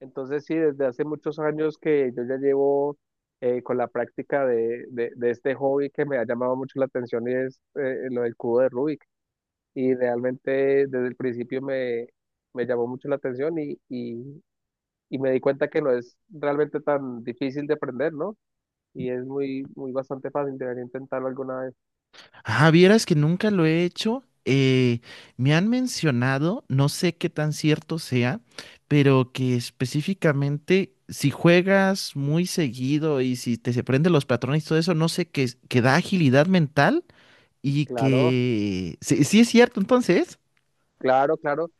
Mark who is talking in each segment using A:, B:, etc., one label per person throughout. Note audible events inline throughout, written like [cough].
A: Entonces sí, desde hace muchos años que yo ya llevo con la práctica de este hobby que me ha llamado mucho la atención y es lo del cubo de Rubik. Y realmente desde el principio me llamó mucho la atención y me di cuenta que no es realmente tan difícil de aprender, ¿no? Y es muy bastante fácil, debería intentarlo alguna vez.
B: Ah, vieras que nunca lo he hecho. Me han mencionado, no sé qué tan cierto sea, pero que específicamente si juegas muy seguido y si te se prenden los patrones y todo eso, no sé, que, que da agilidad mental y
A: Claro,
B: que... Sí, sí es cierto, entonces.
A: claro, claro.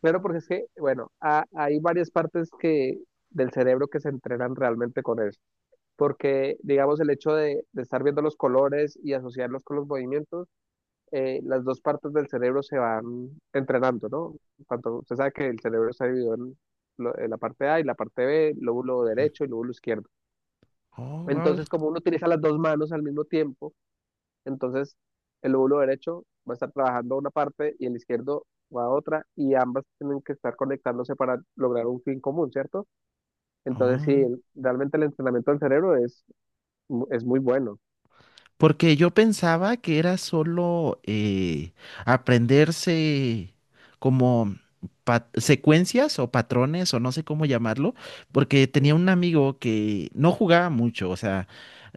A: Claro, porque es que, bueno, hay varias partes, del cerebro que se entrenan realmente con eso. Porque digamos el hecho de estar viendo los colores y asociarlos con los movimientos, las dos partes del cerebro se van entrenando, ¿no? Tanto usted sabe que el cerebro está dividido en la parte A y la parte B, lóbulo derecho y lóbulo izquierdo.
B: Oh,
A: Entonces, como uno utiliza las dos manos al mismo tiempo, entonces el lóbulo derecho va a estar trabajando una parte y el izquierdo va a otra y ambas tienen que estar conectándose para lograr un fin común, ¿cierto? Entonces, sí,
B: wow.
A: realmente el entrenamiento del cerebro es, es muy bueno.
B: Porque yo pensaba que era solo aprenderse como secuencias o patrones o no sé cómo llamarlo, porque tenía
A: ¿Sí?
B: un amigo que no jugaba mucho, o sea,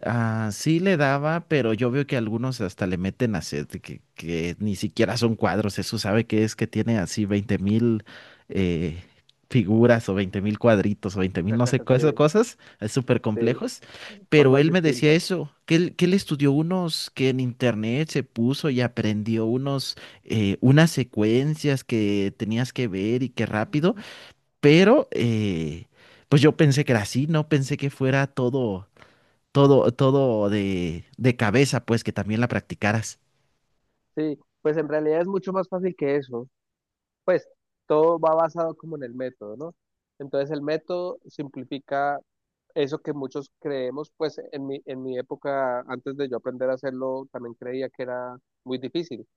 B: ah, sí le daba, pero yo veo que algunos hasta le meten a set, que ni siquiera son cuadros, eso sabe que es que tiene así 20.000 eh, figuras o 20.000 cuadritos o 20.000 no sé, cosas,
A: Sí,
B: cosas súper
A: sí,
B: complejos. Pero
A: formas
B: él me decía
A: distintas.
B: eso, que él estudió unos, que en internet se puso y aprendió unas secuencias que tenías que ver y que rápido, pero pues yo pensé que era así, no pensé que fuera todo, todo, todo de, cabeza, pues que también la practicaras.
A: Sí, pues en realidad es mucho más fácil que eso. Pues todo va basado como en el método, ¿no? Entonces el método simplifica eso que muchos creemos, pues en en mi época, antes de yo aprender a hacerlo, también creía que era muy difícil,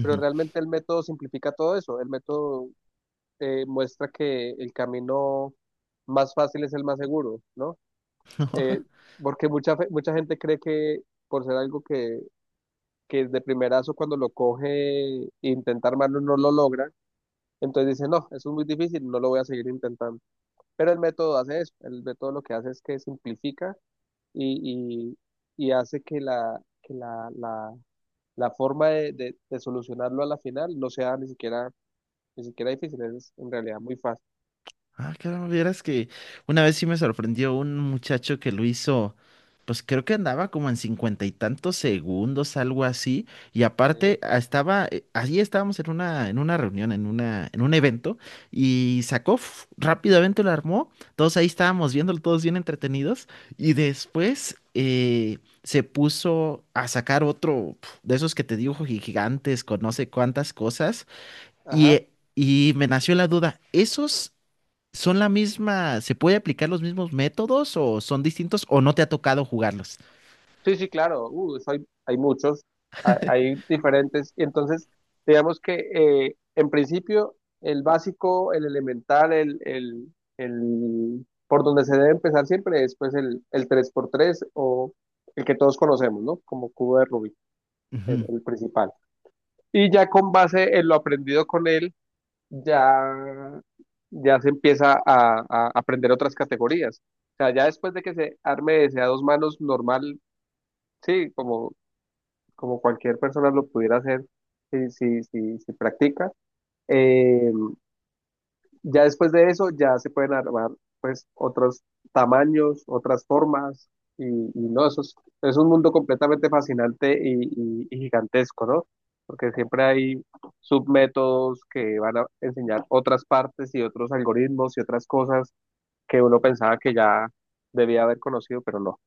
A: pero realmente el método simplifica todo eso. El método muestra que el camino más fácil es el más seguro, ¿no? Eh,
B: [laughs]
A: porque mucha gente cree que por ser algo que de primerazo cuando lo coge, e intenta armarlo, no lo logra. Entonces dice, no, eso es muy difícil, no lo voy a seguir intentando. Pero el método hace eso, el método lo que hace es que simplifica y, y hace que la forma de solucionarlo a la final no sea ni ni siquiera difícil, es en realidad muy fácil.
B: Ah, claro, vieras que una vez sí me sorprendió un muchacho que lo hizo, pues creo que andaba como en cincuenta y tantos segundos, algo así, y
A: ¿Sí?
B: aparte ah, allí estábamos en una reunión, en un evento, y sacó, rápidamente lo armó, todos ahí estábamos viéndolo, todos bien entretenidos, y después se puso a sacar otro de esos que te dibujo gigantes con no sé cuántas cosas, y...
A: Ajá.
B: eh, y me nació la duda. ¿Esos ¿Son la misma? ¿Se puede aplicar los mismos métodos o son distintos o no te ha tocado jugarlos?
A: Sí, sí, claro, hay muchos, hay diferentes. Y entonces, digamos que en principio el básico, el elemental, por donde se debe empezar siempre es pues el tres por tres o el que todos conocemos, ¿no? Como cubo de Rubik,
B: Ujú.
A: el principal. Y ya con base en lo aprendido con él, ya, ya se empieza a aprender otras categorías. O sea, ya después de que se arme ese a dos manos normal, sí, como como cualquier persona lo pudiera hacer si practica. Eh, ya después de eso ya se pueden armar pues otros tamaños, otras formas y no, eso es un mundo completamente fascinante y, y gigantesco, ¿no? Porque siempre hay submétodos que van a enseñar otras partes y otros algoritmos y otras cosas que uno pensaba que ya debía haber conocido, pero no.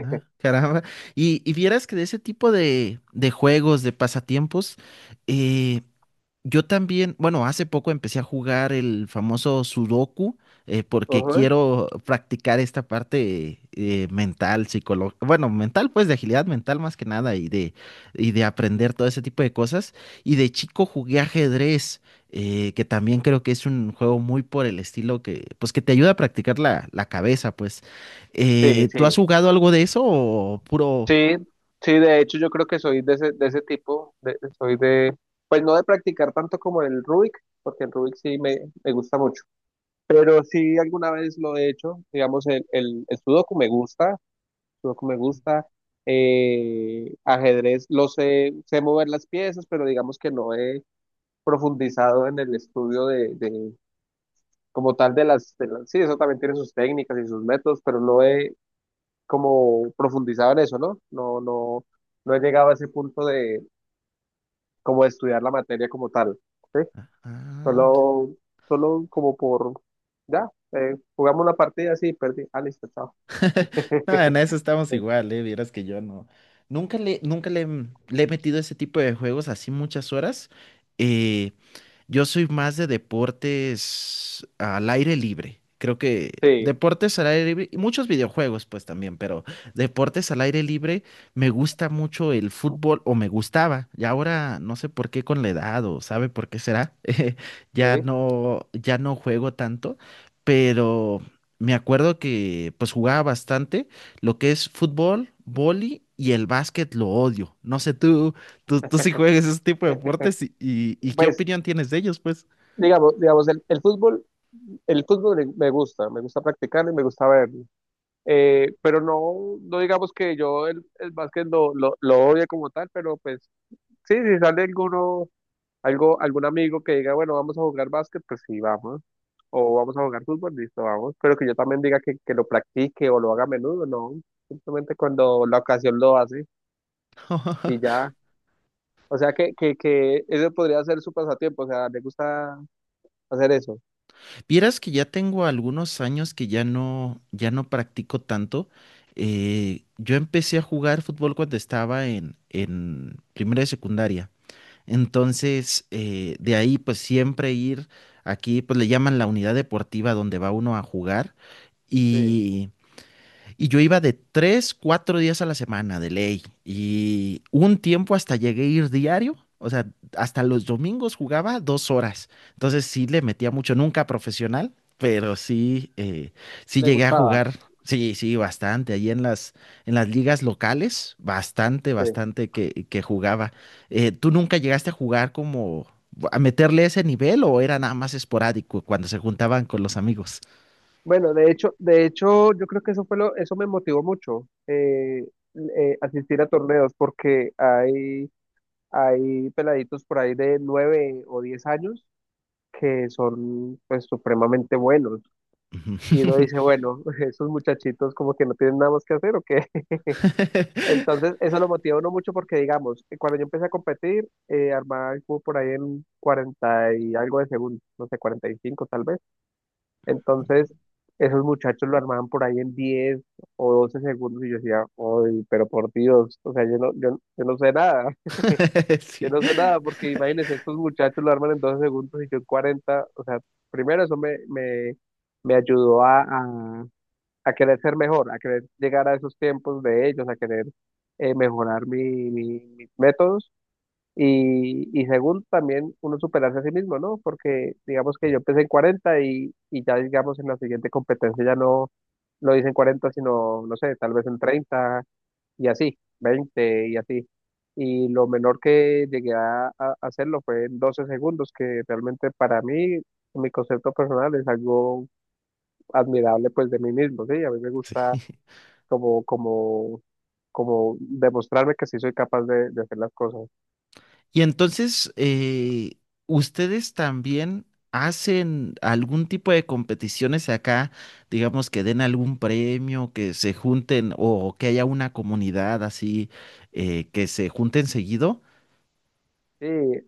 B: Ah, caramba. Y vieras que de ese tipo de juegos, de pasatiempos, eh, yo también, bueno, hace poco empecé a jugar el famoso Sudoku porque
A: Ujú.
B: quiero practicar esta parte mental, psicológica, bueno, mental pues de agilidad mental más que nada y de, y de aprender todo ese tipo de cosas. Y de chico jugué ajedrez, que también creo que es un juego muy por el estilo que, pues que te ayuda a practicar la, la cabeza, pues.
A: Sí,
B: ¿Tú has
A: sí.
B: jugado algo de eso o puro...
A: Sí, sí, de hecho yo creo que soy de ese tipo, soy de, pues no de practicar tanto como el Rubik, porque el Rubik me gusta mucho, pero sí alguna vez lo he hecho, digamos el Sudoku me gusta, ajedrez, lo sé, sé mover las piezas, pero digamos que no he profundizado en el estudio de como tal de sí, eso también tiene sus técnicas y sus métodos, pero no he como profundizado en eso, ¿no? No, no, no he llegado a ese punto de como de estudiar la materia como tal, ¿sí?
B: Ah, ah,
A: Solo, solo como por, ya, jugamos una partida, así, perdí, ah, listo, chao.
B: [laughs] no, en eso
A: [laughs]
B: estamos igual, ¿eh? Vieras que yo no. Nunca le, le he metido ese tipo de juegos así muchas horas. eh, yo soy más de deportes al aire libre. Creo que
A: Sí,
B: deportes al aire libre y muchos videojuegos pues también, pero deportes al aire libre me gusta mucho el fútbol o me gustaba. Y ahora no sé por qué con la edad o sabe por qué será. [laughs] Ya
A: sí.
B: no ya no juego tanto, pero me acuerdo que pues jugaba bastante lo que es fútbol, vóley y el básquet lo odio. No sé tú. Tú sí juegas ese tipo de deportes y ¿qué
A: Pues,
B: opinión tienes de ellos, pues?
A: digamos, el fútbol me gusta practicarlo y me gusta verlo. Pero no, no digamos que yo el básquet lo odie como tal, pero pues sí, si sale alguno Algo, algún amigo que diga, bueno, vamos a jugar básquet, pues sí, vamos. O vamos a jugar fútbol, listo, vamos. Pero que yo también diga que lo practique o lo haga a menudo, no. Simplemente cuando la ocasión lo hace y
B: [laughs]
A: ya. O sea que ese podría ser su pasatiempo, o sea, le gusta hacer eso.
B: Vieras que ya tengo algunos años que ya no practico tanto. Yo empecé a jugar fútbol cuando estaba en primera de secundaria. Entonces, de ahí pues siempre ir aquí, pues le llaman la unidad deportiva donde va uno a jugar.
A: Sí,
B: Y yo iba de 3, 4 días a la semana de ley. Y un tiempo hasta llegué a ir diario. O sea, hasta los domingos jugaba 2 horas. Entonces sí le metía mucho, nunca profesional, pero sí, sí
A: le
B: llegué a
A: gustaba,
B: jugar. Sí, sí, bastante. Allí en las, ligas locales, bastante,
A: sí.
B: bastante que jugaba. ¿Tú nunca llegaste a jugar como a meterle ese nivel o era nada más esporádico cuando se juntaban con los amigos?
A: Bueno, de hecho, yo creo que eso fue lo, eso me motivó mucho, asistir a torneos, porque hay peladitos por ahí de 9 o 10 años que son pues supremamente buenos. Y uno
B: Ujú.
A: dice, bueno, [laughs] esos muchachitos como que no tienen nada más que hacer o qué. [laughs]
B: [laughs]
A: Entonces eso lo motiva a uno mucho porque digamos, cuando yo empecé a competir, armaba el cubo por ahí en 40 y algo de segundos, no sé, 45 tal vez. Entonces esos muchachos lo armaban por ahí en 10 o 12 segundos y yo decía, uy, pero por Dios, o sea, yo no sé nada.
B: [laughs]
A: Yo
B: Sí,
A: no sé nada, porque imagínense, estos muchachos lo arman en 12 segundos y yo en 40. O sea, primero eso me ayudó a querer ser mejor, a querer llegar a esos tiempos de ellos, a querer mejorar mis métodos. Y segundo, también uno superarse a sí mismo, ¿no? Porque digamos que yo empecé en 40 y ya digamos en la siguiente competencia ya no lo hice en 40 sino, no sé, tal vez en 30 y así, 20 y así. Y lo menor que llegué a hacerlo fue en 12 segundos, que realmente para mí, mi concepto personal es algo admirable pues de mí mismo, ¿sí? A mí me
B: sí.
A: gusta como, como, como demostrarme que sí soy capaz de hacer las cosas.
B: Y entonces, ¿ustedes también hacen algún tipo de competiciones acá? Digamos que den algún premio, que se junten o que haya una comunidad así, que se junten seguido.
A: Sí,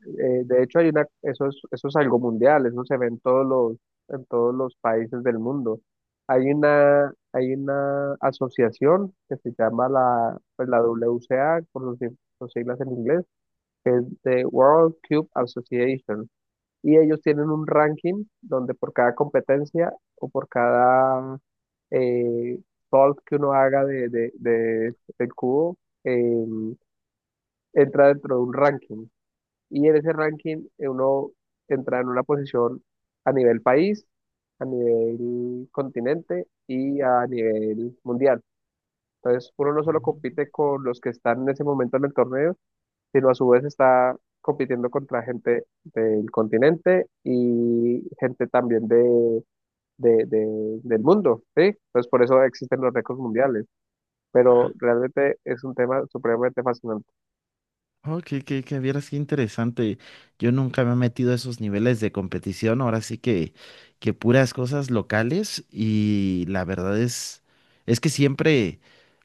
A: de hecho hay una, eso es algo mundial, eso se ve en todos en todos los países del mundo. Hay una asociación que se llama la, pues la WCA, por sus siglas en inglés, que es the World Cube Association. Y ellos tienen un ranking donde por cada competencia o por cada eh, solve que uno haga del cubo, eh, entra dentro de un ranking. Y en ese ranking uno entra en una posición a nivel país, a nivel continente y a nivel mundial. Entonces uno no solo compite con los que están en ese momento en el torneo, sino a su vez está compitiendo contra gente del continente y gente también de, del mundo, ¿sí? Entonces por eso existen los récords mundiales,
B: Oh.
A: pero realmente es un tema supremamente fascinante.
B: Oh, que vieras qué interesante. Yo nunca me he metido a esos niveles de competición. Ahora sí que puras cosas locales. Y la verdad es que siempre,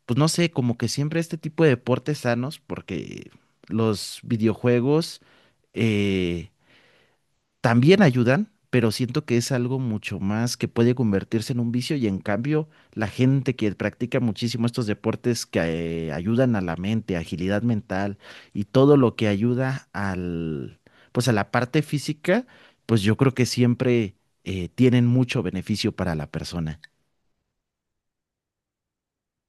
B: pues no sé, como que siempre este tipo de deportes sanos, porque los videojuegos, eh, también ayudan, pero siento que es algo mucho más que puede convertirse en un vicio y en cambio la gente que practica muchísimo estos deportes que ayudan a la mente, agilidad mental y todo lo que ayuda pues a la parte física, pues yo creo que siempre tienen mucho beneficio para la persona.